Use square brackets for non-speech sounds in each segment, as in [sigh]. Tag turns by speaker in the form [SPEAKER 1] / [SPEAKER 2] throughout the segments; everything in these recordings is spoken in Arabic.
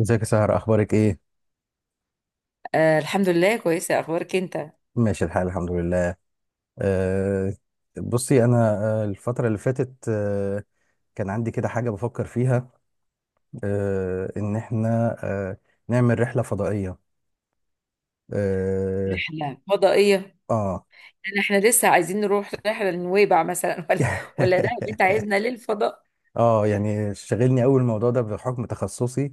[SPEAKER 1] ازيك يا سهر، اخبارك ايه؟
[SPEAKER 2] آه، الحمد لله، كويسة. أخبارك أنت؟
[SPEAKER 1] ماشي الحال، الحمد لله. أه بصي انا. الفتره اللي فاتت، كان عندي كده حاجه بفكر فيها، ان احنا نعمل رحله فضائيه. اه,
[SPEAKER 2] رحلة فضائية؟
[SPEAKER 1] آه.
[SPEAKER 2] إحنا لسه عايزين نروح رحلة لنويبع مثلا [laughs] ولا ده أنت
[SPEAKER 1] [laughs]
[SPEAKER 2] عايزنا للفضاء؟
[SPEAKER 1] اه يعني شاغلني قوي الموضوع ده بحكم تخصصي.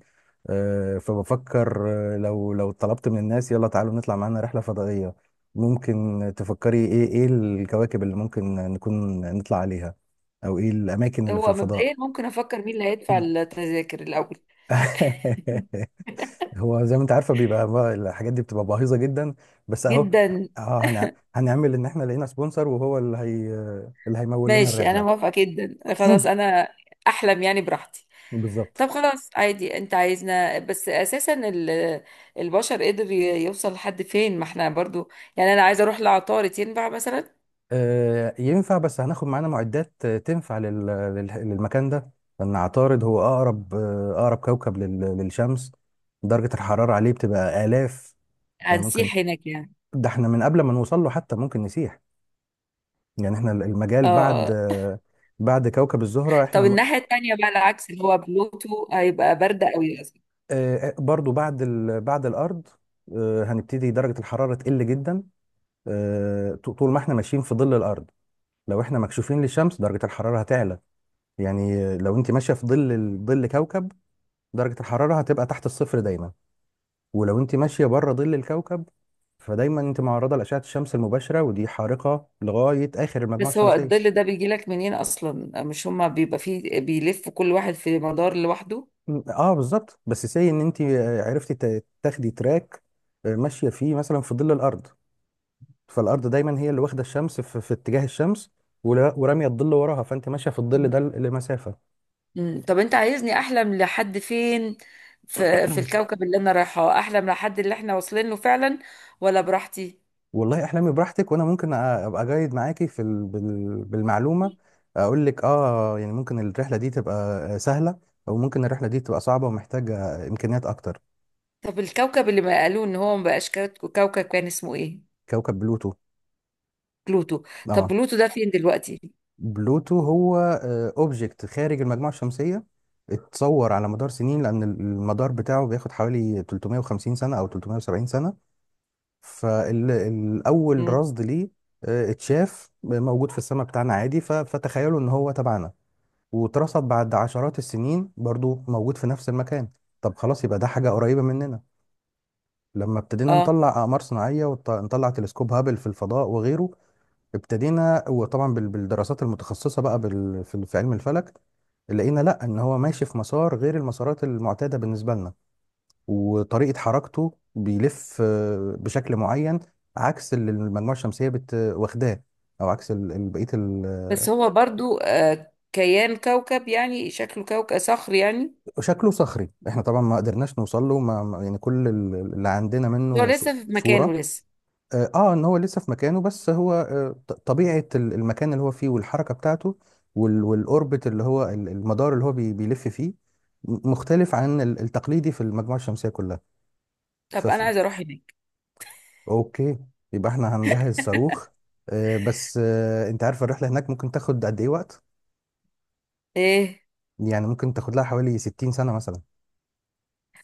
[SPEAKER 1] فبفكر، لو طلبت من الناس يلا تعالوا نطلع معانا رحلة فضائية، ممكن تفكري ايه الكواكب اللي ممكن نكون نطلع عليها، او ايه الاماكن اللي في
[SPEAKER 2] هو مبدئيا،
[SPEAKER 1] الفضاء؟
[SPEAKER 2] ممكن أفكر مين اللي هيدفع التذاكر الأول.
[SPEAKER 1] [laughs] هو زي ما انت عارفه بيبقى بقى الحاجات دي بتبقى باهظه جدا، بس اهو.
[SPEAKER 2] جدا.
[SPEAKER 1] اه هنعمل ان احنا لقينا سبونسر وهو اللي هي اللي هيمول لنا
[SPEAKER 2] ماشي، أنا
[SPEAKER 1] الرحله.
[SPEAKER 2] موافقة جدا، خلاص
[SPEAKER 1] [clears throat]
[SPEAKER 2] أنا أحلم يعني براحتي.
[SPEAKER 1] بالظبط.
[SPEAKER 2] طب خلاص، عادي، أنت عايزنا بس أساسا البشر قدر يوصل لحد فين، ما إحنا برضو. يعني أنا عايزة أروح لعطارد، ينفع مثلا؟
[SPEAKER 1] ينفع، بس هناخد معانا معدات تنفع للمكان ده، لأن عطارد هو أقرب، أقرب كوكب للشمس. درجة الحرارة عليه بتبقى آلاف. يعني ممكن،
[SPEAKER 2] هنسيح هناك يعني؟
[SPEAKER 1] ده احنا من قبل ما نوصل له حتى ممكن نسيح. يعني احنا
[SPEAKER 2] اه،
[SPEAKER 1] المجال بعد
[SPEAKER 2] آه.
[SPEAKER 1] بعد كوكب الزهرة
[SPEAKER 2] طب
[SPEAKER 1] احنا
[SPEAKER 2] الناحية التانية بقى، العكس، اللي هو بلوتو هيبقى برد قوي للأسف.
[SPEAKER 1] برضو بعد بعد الأرض هنبتدي درجة الحرارة تقل جدا. طول ما احنا ماشيين في ظل الأرض، لو احنا مكشوفين للشمس درجة الحرارة هتعلى. يعني لو انت ماشيه في ظل ظل كوكب، درجه الحراره هتبقى تحت الصفر دايما. ولو انت ماشيه بره ظل الكوكب فدايما انت معرضه لاشعه الشمس المباشره، ودي حارقه لغايه اخر المجموعه
[SPEAKER 2] بس هو الظل
[SPEAKER 1] الشمسيه.
[SPEAKER 2] ده بيجي لك منين أصلا؟ مش هما بيبقى فيه بيلف كل واحد في مدار لوحده؟
[SPEAKER 1] اه بالظبط. بس سي ان انت عرفتي تاخدي تراك ماشيه فيه مثلا في ظل الارض، فالارض دايما هي اللي واخده الشمس في اتجاه الشمس، وراميه الظل وراها، فانت ماشيه في الظل ده لمسافه.
[SPEAKER 2] مم. طب أنت عايزني أحلم لحد فين؟ في
[SPEAKER 1] [clears throat]
[SPEAKER 2] الكوكب اللي أنا رايحاه، أحلم لحد اللي إحنا واصلين له فعلا؟ ولا براحتي؟
[SPEAKER 1] والله احلامي براحتك، وانا ممكن ابقى جايد معاكي في ال... بال... بالمعلومه، اقول لك اه. يعني ممكن الرحله دي تبقى سهله، او ممكن الرحله دي تبقى صعبه ومحتاجه امكانيات اكتر.
[SPEAKER 2] طب الكوكب اللي ما قالوه إن هو ما بقاش كوكب، كان اسمه إيه؟
[SPEAKER 1] كوكب بلوتو.
[SPEAKER 2] بلوتو. طب
[SPEAKER 1] اه.
[SPEAKER 2] بلوتو ده فين دلوقتي؟
[SPEAKER 1] بلوتو هو اوبجكت خارج المجموعه الشمسيه، اتصور على مدار سنين لان المدار بتاعه بياخد حوالي 350 سنه او 370 سنه. فالاول
[SPEAKER 2] مم.
[SPEAKER 1] رصد ليه، اتشاف موجود في السماء بتاعنا عادي، ف... فتخيلوا ان هو تبعنا واترصد بعد عشرات السنين برضو موجود في نفس المكان. طب خلاص يبقى ده حاجة قريبة مننا. لما ابتدينا
[SPEAKER 2] آه.
[SPEAKER 1] نطلع أقمار صناعية ونطلع تلسكوب هابل في الفضاء وغيره ابتدينا، وطبعا بالدراسات المتخصصة بقى في علم الفلك، لقينا لا ان هو ماشي في مسار غير المسارات المعتاده بالنسبه لنا. وطريقه حركته بيلف بشكل معين عكس اللي المجموعه الشمسيه واخداه، او عكس بقيه.
[SPEAKER 2] بس هو برضو كيان كوكب، يعني شكله كوكب صخر يعني.
[SPEAKER 1] شكله صخري. احنا طبعا ما قدرناش نوصل له، يعني كل اللي عندنا
[SPEAKER 2] هو
[SPEAKER 1] منه
[SPEAKER 2] لسه في مكانه
[SPEAKER 1] صورة.
[SPEAKER 2] لسه؟
[SPEAKER 1] اه ان هو لسه في مكانه، بس هو طبيعة المكان اللي هو فيه والحركة بتاعته والاوربت اللي هو المدار اللي هو بيلف فيه مختلف عن التقليدي في المجموعة الشمسية كلها.
[SPEAKER 2] طب
[SPEAKER 1] فف
[SPEAKER 2] انا عايزه اروح هناك.
[SPEAKER 1] اوكي، يبقى احنا هنجهز صاروخ، بس انت عارف الرحلة هناك ممكن تاخد قد ايه وقت؟
[SPEAKER 2] ايه؟
[SPEAKER 1] يعني ممكن تاخد لها حوالي 60 سنة مثلا.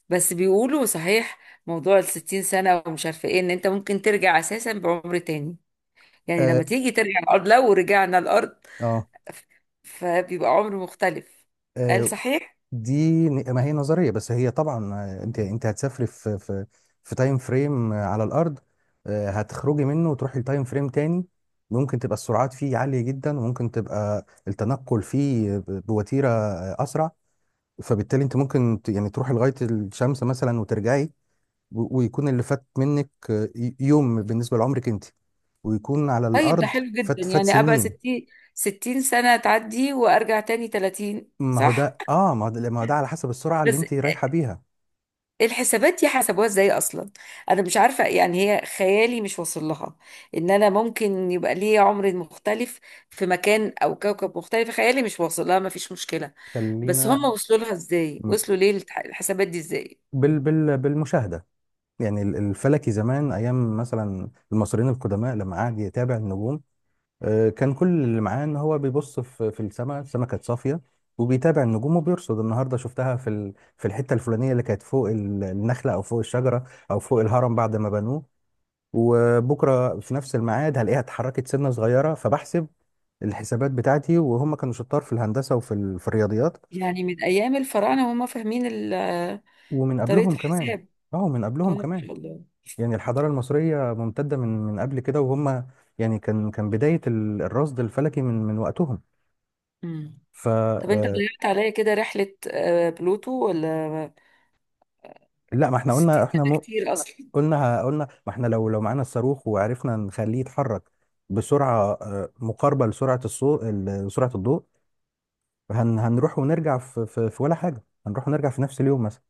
[SPEAKER 2] بس بيقولوا صحيح، موضوع الستين سنه ومش عارفه ايه، ان انت ممكن ترجع اساسا بعمر تاني. يعني لما
[SPEAKER 1] اه
[SPEAKER 2] تيجي ترجع الارض، لو رجعنا الارض.
[SPEAKER 1] اه.
[SPEAKER 2] ف- فبيبقى عمر مختلف. قال
[SPEAKER 1] آه،
[SPEAKER 2] صحيح.
[SPEAKER 1] دي ما هي نظريه، بس هي طبعا انت هتسافري في تايم فريم على الارض، هتخرجي منه وتروحي لتايم فريم تاني ممكن تبقى السرعات فيه عاليه جدا، وممكن تبقى التنقل فيه بوتيره اسرع. فبالتالي انت ممكن يعني تروحي لغايه الشمس مثلا وترجعي، ويكون اللي فات منك يوم بالنسبه لعمرك انت، ويكون على
[SPEAKER 2] طيب ده
[SPEAKER 1] الارض
[SPEAKER 2] حلو جدا،
[SPEAKER 1] فات
[SPEAKER 2] يعني ابقى
[SPEAKER 1] سنين.
[SPEAKER 2] ستين سنه تعدي وارجع تاني تلاتين،
[SPEAKER 1] ما هو
[SPEAKER 2] صح؟
[SPEAKER 1] ده اه، ما هو ده على حسب السرعه اللي
[SPEAKER 2] بس
[SPEAKER 1] انت رايحه بيها.
[SPEAKER 2] الحسابات دي حسبوها ازاي اصلا؟ انا مش عارفه يعني، هي خيالي مش واصل لها. ان انا ممكن يبقى لي عمر مختلف في مكان او كوكب مختلف، خيالي مش واصل لها، ما فيش مشكله. بس هم
[SPEAKER 1] خلينا
[SPEAKER 2] وصلوا لها ازاي، وصلوا ليه الحسابات دي ازاي؟
[SPEAKER 1] بالمشاهده. يعني الفلكي زمان، ايام مثلا المصريين القدماء لما قعد يتابع النجوم، كان كل اللي معاه ان هو بيبص في السماء، السماء كانت صافيه وبيتابع النجوم وبيرصد، النهارده شفتها في في الحته الفلانيه اللي كانت فوق النخله او فوق الشجره او فوق الهرم بعد ما بنوه، وبكره في نفس الميعاد هلاقيها اتحركت سنه صغيره، فبحسب الحسابات بتاعتي. وهم كانوا شطار في الهندسه وفي في الرياضيات.
[SPEAKER 2] يعني من ايام الفراعنه وهم فاهمين
[SPEAKER 1] ومن
[SPEAKER 2] طريقه
[SPEAKER 1] قبلهم كمان،
[SPEAKER 2] الحساب.
[SPEAKER 1] اه من
[SPEAKER 2] اه،
[SPEAKER 1] قبلهم
[SPEAKER 2] ما
[SPEAKER 1] كمان.
[SPEAKER 2] شاء الله.
[SPEAKER 1] يعني الحضارة المصرية ممتدة من قبل كده، وهم يعني كان بداية الرصد الفلكي من وقتهم.
[SPEAKER 2] امم.
[SPEAKER 1] ف
[SPEAKER 2] طب انت
[SPEAKER 1] آه،
[SPEAKER 2] ضيعت عليا كده رحله بلوتو، ولا
[SPEAKER 1] لا ما احنا قلنا
[SPEAKER 2] 60
[SPEAKER 1] احنا
[SPEAKER 2] سنه
[SPEAKER 1] مو،
[SPEAKER 2] كتير اصلا؟
[SPEAKER 1] قلنا ما احنا لو معانا الصاروخ وعرفنا نخليه يتحرك بسرعة مقاربة لسرعة الصوت، سرعة الضوء، هنروح ونرجع في في في ولا حاجة، هنروح ونرجع في نفس اليوم مثلا.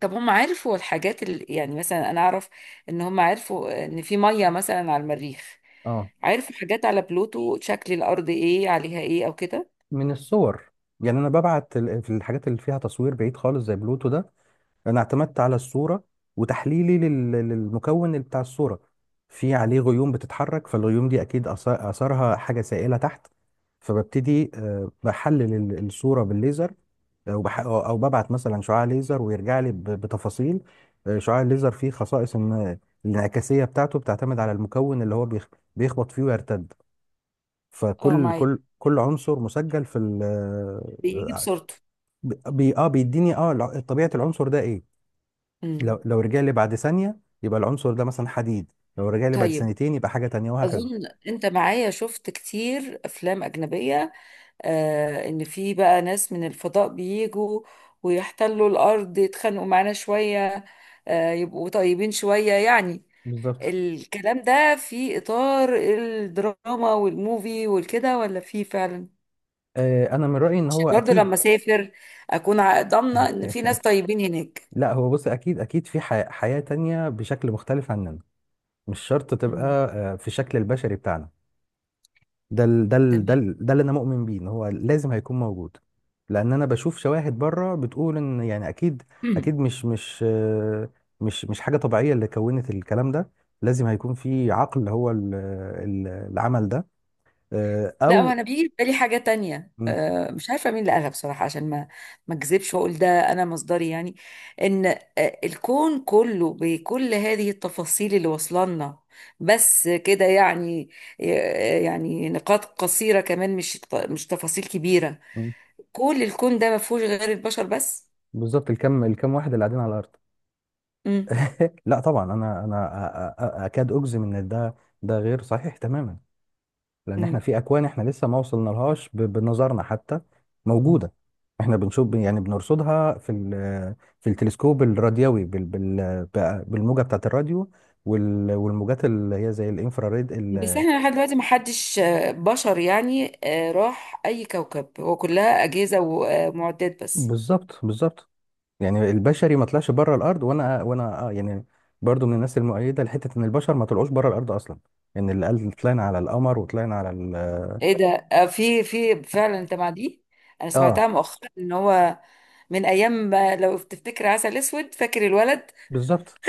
[SPEAKER 2] طب هم عرفوا الحاجات اللي يعني، مثلا انا اعرف ان هم عرفوا ان في ميه مثلا على المريخ.
[SPEAKER 1] اه.
[SPEAKER 2] عرفوا حاجات على بلوتو، شكل الارض ايه، عليها ايه، او كده؟
[SPEAKER 1] من الصور. يعني انا ببعت في الحاجات اللي فيها تصوير بعيد خالص زي بلوتو ده انا اعتمدت على الصوره، وتحليلي للمكون اللي بتاع الصوره. في عليه غيوم بتتحرك، فالغيوم دي اكيد اثرها حاجه سائله تحت. فببتدي بحلل الصوره بالليزر، او بح- او أو ببعت مثلا شعاع ليزر، ويرجع لي بتفاصيل. شعاع الليزر فيه خصائص ان الانعكاسيه بتاعته بتعتمد على المكون اللي هو بيخبط فيه ويرتد.
[SPEAKER 2] اه،
[SPEAKER 1] فكل
[SPEAKER 2] معاك.
[SPEAKER 1] كل كل عنصر مسجل في ال.
[SPEAKER 2] بيجي بصورته.
[SPEAKER 1] بي اه، بيديني اه طبيعه العنصر ده ايه. لو
[SPEAKER 2] امم.
[SPEAKER 1] لو رجع لي بعد ثانية يبقى العنصر ده مثلا حديد، لو رجع لي بعد
[SPEAKER 2] طيب.
[SPEAKER 1] ثانيتين يبقى حاجة تانية، وهكذا.
[SPEAKER 2] اظن انت معايا شفت كتير افلام اجنبيه، آه، ان في بقى ناس من الفضاء بيجوا ويحتلوا الارض، يتخانقوا معانا شويه، آه، يبقوا طيبين شويه يعني.
[SPEAKER 1] بالظبط.
[SPEAKER 2] الكلام ده في إطار الدراما والموفي والكده، ولا في فعلا؟
[SPEAKER 1] انا من رأيي ان
[SPEAKER 2] عشان
[SPEAKER 1] هو
[SPEAKER 2] برضه
[SPEAKER 1] اكيد.
[SPEAKER 2] لما أسافر أكون ضامنة إن في ناس
[SPEAKER 1] [laughs]
[SPEAKER 2] طيبين هناك.
[SPEAKER 1] لا هو بص، اكيد اكيد في حياة تانية بشكل مختلف عننا، مش شرط تبقى
[SPEAKER 2] مم.
[SPEAKER 1] في الشكل البشري بتاعنا.
[SPEAKER 2] تمام.
[SPEAKER 1] ده اللي انا مؤمن بيه ان هو لازم هيكون موجود. لان انا بشوف شواهد بره بتقول ان يعني اكيد،
[SPEAKER 2] مم.
[SPEAKER 1] اكيد مش مش حاجة طبيعية اللي كونت الكلام ده. لازم هيكون في عقل هو ال- العمل ده،
[SPEAKER 2] لا،
[SPEAKER 1] او
[SPEAKER 2] وأنا بيجي في بالي حاجة تانية،
[SPEAKER 1] م-
[SPEAKER 2] مش عارفة مين اللي قالها بصراحة، عشان ما أكذبش وأقول ده أنا مصدري يعني. إن الكون كله بكل هذه التفاصيل اللي وصلنا، بس كده يعني، يعني نقاط قصيرة كمان، مش تفاصيل كبيرة.
[SPEAKER 1] م-
[SPEAKER 2] كل الكون ده ما فيهوش غير البشر بس.
[SPEAKER 1] بالظبط. الكم واحد اللي قاعدين على الارض.
[SPEAKER 2] امم.
[SPEAKER 1] [laughs] لا طبعا انا اكاد اجزم ان ده غير صحيح تماما. لان احنا
[SPEAKER 2] مم.
[SPEAKER 1] في اكوان احنا لسه ما وصلنا لهاش بنظرنا حتى. موجوده. احنا بنشوف يعني بنرصدها في التلسكوب الراديوي بالموجه بتاعه الراديو والموجات اللي هي زي الانفراريد
[SPEAKER 2] بس احنا لحد دلوقتي ما حدش بشر يعني راح اي كوكب، هو كلها اجهزه ومعدات بس.
[SPEAKER 1] بالظبط بالظبط. يعني البشري ما طلعش بره الارض، وانا آه يعني برضو من الناس المؤيده لحته ان البشر ما طلعوش بره الارض اصلا. ان اللي قال طلعنا على القمر وطلعنا على ال،
[SPEAKER 2] ايه ده؟ في فعلا انت مع دي؟ انا
[SPEAKER 1] اه
[SPEAKER 2] سمعتها مؤخرا ان هو من ايام لو تفتكر عسل اسود، فاكر الولد؟
[SPEAKER 1] بالظبط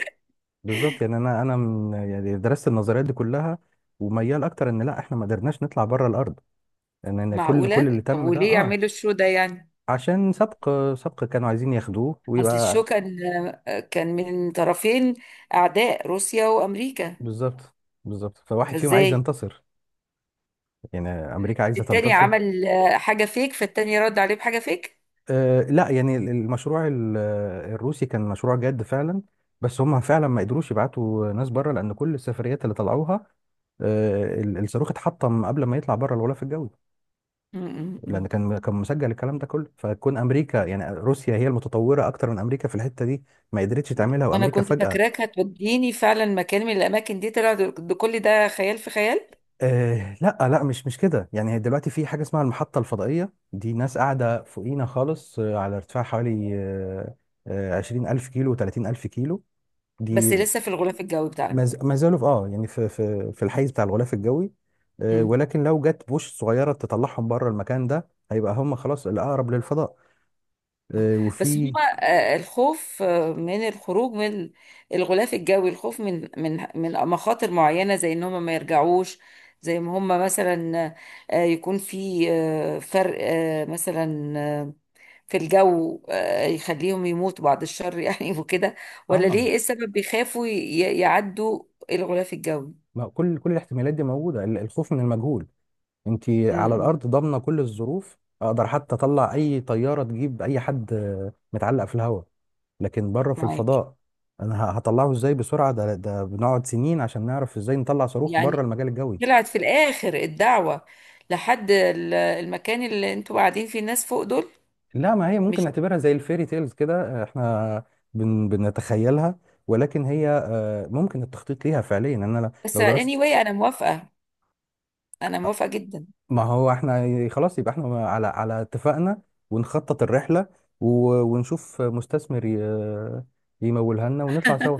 [SPEAKER 1] بالظبط. يعني انا من، يعني درست النظريات دي كلها وميال اكتر ان لا احنا ما قدرناش نطلع بره الارض، يعني ان كل اللي
[SPEAKER 2] معقوله؟ طب
[SPEAKER 1] تم ده
[SPEAKER 2] وليه
[SPEAKER 1] اه.
[SPEAKER 2] يعملوا الشو ده يعني؟
[SPEAKER 1] عشان سبق، سبق كانوا عايزين ياخدوه
[SPEAKER 2] اصل الشو
[SPEAKER 1] ويبقى.
[SPEAKER 2] كان من طرفين، اعداء، روسيا وامريكا.
[SPEAKER 1] بالظبط بالظبط، فواحد فيهم عايز
[SPEAKER 2] فازاي؟
[SPEAKER 1] ينتصر. يعني امريكا عايزه
[SPEAKER 2] التاني
[SPEAKER 1] تنتصر.
[SPEAKER 2] عمل حاجة فيك، فالتاني رد عليه بحاجة فيك.
[SPEAKER 1] آه لا، يعني المشروع الروسي كان مشروع جاد فعلا، بس هم فعلا ما قدروش يبعتوا ناس بره لان كل السفريات اللي طلعوها الصاروخ اتحطم قبل ما يطلع بره الغلاف الجوي.
[SPEAKER 2] م- م-
[SPEAKER 1] لان كان مسجل الكلام ده كله، فكون امريكا يعني روسيا هي المتطوره اكتر من امريكا في الحته دي ما قدرتش
[SPEAKER 2] م.
[SPEAKER 1] تعملها،
[SPEAKER 2] أنا
[SPEAKER 1] وامريكا
[SPEAKER 2] كنت
[SPEAKER 1] فجاه.
[SPEAKER 2] فاكراك هتوديني فعلا مكان من الأماكن دي، طلع ده كل ده خيال في خيال.
[SPEAKER 1] آه لا لا مش كده. يعني دلوقتي في حاجه اسمها المحطه الفضائيه، دي ناس قاعده فوقينا خالص على ارتفاع حوالي آه آه، 20000 كيلو، 30000 كيلو.
[SPEAKER 2] بس
[SPEAKER 1] دي
[SPEAKER 2] لسه في الغلاف الجوي بتاعنا؟
[SPEAKER 1] ما زالوا في اه يعني في الحيز بتاع الغلاف الجوي،
[SPEAKER 2] م.
[SPEAKER 1] ولكن لو جت بوش صغيره تطلعهم بره المكان ده هيبقى هم خلاص الاقرب للفضاء.
[SPEAKER 2] آه. بس
[SPEAKER 1] وفي
[SPEAKER 2] هما الخوف من الخروج من الغلاف الجوي، الخوف من مخاطر معينة زي إن هما ما يرجعوش، زي ما هما مثلا يكون في فرق مثلا في الجو، يخليهم يموتوا بعد الشر يعني [laughs] وكده، ولا
[SPEAKER 1] اه،
[SPEAKER 2] ليه؟ ايه السبب بيخافوا يعدوا الغلاف الجوي؟
[SPEAKER 1] ما كل كل الاحتمالات دي موجوده، الخوف من المجهول. انت على
[SPEAKER 2] امم.
[SPEAKER 1] الارض ضامنه كل الظروف، اقدر حتى اطلع اي طياره تجيب اي حد متعلق في الهواء. لكن بره في
[SPEAKER 2] معاك.
[SPEAKER 1] الفضاء انا هطلعه ازاي بسرعه؟ ده بنقعد سنين عشان نعرف ازاي نطلع صاروخ بره
[SPEAKER 2] يعني
[SPEAKER 1] المجال الجوي.
[SPEAKER 2] طلعت في الاخر الدعوة لحد المكان اللي انتوا قاعدين فيه، الناس فوق دول؟
[SPEAKER 1] لا ما هي ممكن
[SPEAKER 2] مش.
[SPEAKER 1] نعتبرها زي الفيري تيلز كده. احنا بنتخيلها، ولكن هي ممكن التخطيط ليها فعليا. يعني انا
[SPEAKER 2] [laughs] بس
[SPEAKER 1] لو درست.
[SPEAKER 2] anyway انا موافقة، انا
[SPEAKER 1] آه،
[SPEAKER 2] موافقة جدا.
[SPEAKER 1] ما هو احنا خلاص يبقى احنا على اتفاقنا، ونخطط الرحلة، ونشوف مستثمر يمولها لنا ونطلع سوا.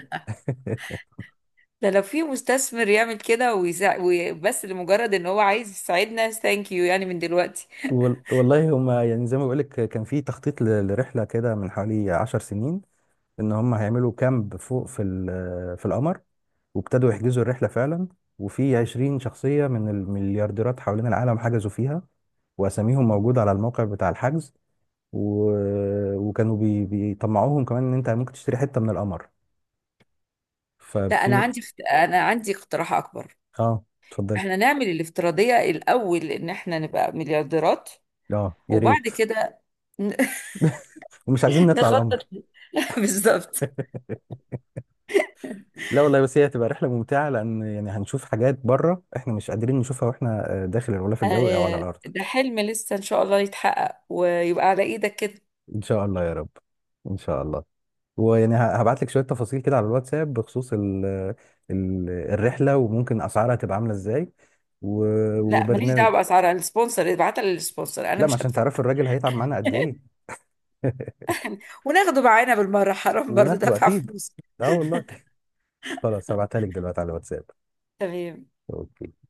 [SPEAKER 2] ده لو في مستثمر يعمل كده بس لمجرد ان هو عايز يساعدنا، ثانك يو يعني من دلوقتي.
[SPEAKER 1] والله هما يعني زي ما بقولك كان في تخطيط لرحلة كده من حوالي 10 سنين ان هم هيعملوا كامب فوق في في القمر، وابتدوا يحجزوا الرحلة فعلا، وفي 20 شخصية من المليارديرات حوالين العالم حجزوا فيها وأساميهم موجودة على الموقع بتاع الحجز و... وكانوا بي... بيطمعوهم كمان إن أنت ممكن تشتري حتة من القمر.
[SPEAKER 2] لا، انا
[SPEAKER 1] ففي
[SPEAKER 2] عندي اخت- انا عندي اقتراح اكبر.
[SPEAKER 1] آه، اتفضلي.
[SPEAKER 2] احنا نعمل الافتراضية الأول، إن احنا نبقى مليارديرات،
[SPEAKER 1] آه يا ريت.
[SPEAKER 2] وبعد كده ن-
[SPEAKER 1] ومش عايزين
[SPEAKER 2] [laughs]
[SPEAKER 1] نطلع
[SPEAKER 2] نخطط
[SPEAKER 1] القمر.
[SPEAKER 2] [laughs] بالظبط.
[SPEAKER 1] [laughs] لا والله، بس هي هتبقى رحلة ممتعة لأن يعني هنشوف حاجات بره إحنا مش قادرين نشوفها وإحنا داخل الغلاف الجوي أو على الأرض.
[SPEAKER 2] ده حلم لسه إن شاء الله يتحقق، ويبقى على إيدك كده.
[SPEAKER 1] إن شاء الله يا رب، إن شاء الله. ويعني هبعت لك شويه تفاصيل كده على الواتساب بخصوص ال ال الرحله وممكن اسعارها تبقى عامله ازاي
[SPEAKER 2] لا، ماليش
[SPEAKER 1] وبرنامج.
[SPEAKER 2] دعوة بأسعار، أنا السبونسر، ابعتها للسبونسر، أنا
[SPEAKER 1] لا، ما
[SPEAKER 2] مش
[SPEAKER 1] عشان
[SPEAKER 2] هدفع.
[SPEAKER 1] تعرفي الراجل هيتعب معانا قد ايه. [laughs]
[SPEAKER 2] وناخده معانا بالمرة، حرام برضه
[SPEAKER 1] وناخده
[SPEAKER 2] دفع
[SPEAKER 1] اكيد،
[SPEAKER 2] فلوس.
[SPEAKER 1] اه والله. خلاص هبعتها لك دلوقتي على الواتساب.
[SPEAKER 2] تمام.
[SPEAKER 1] اوكي.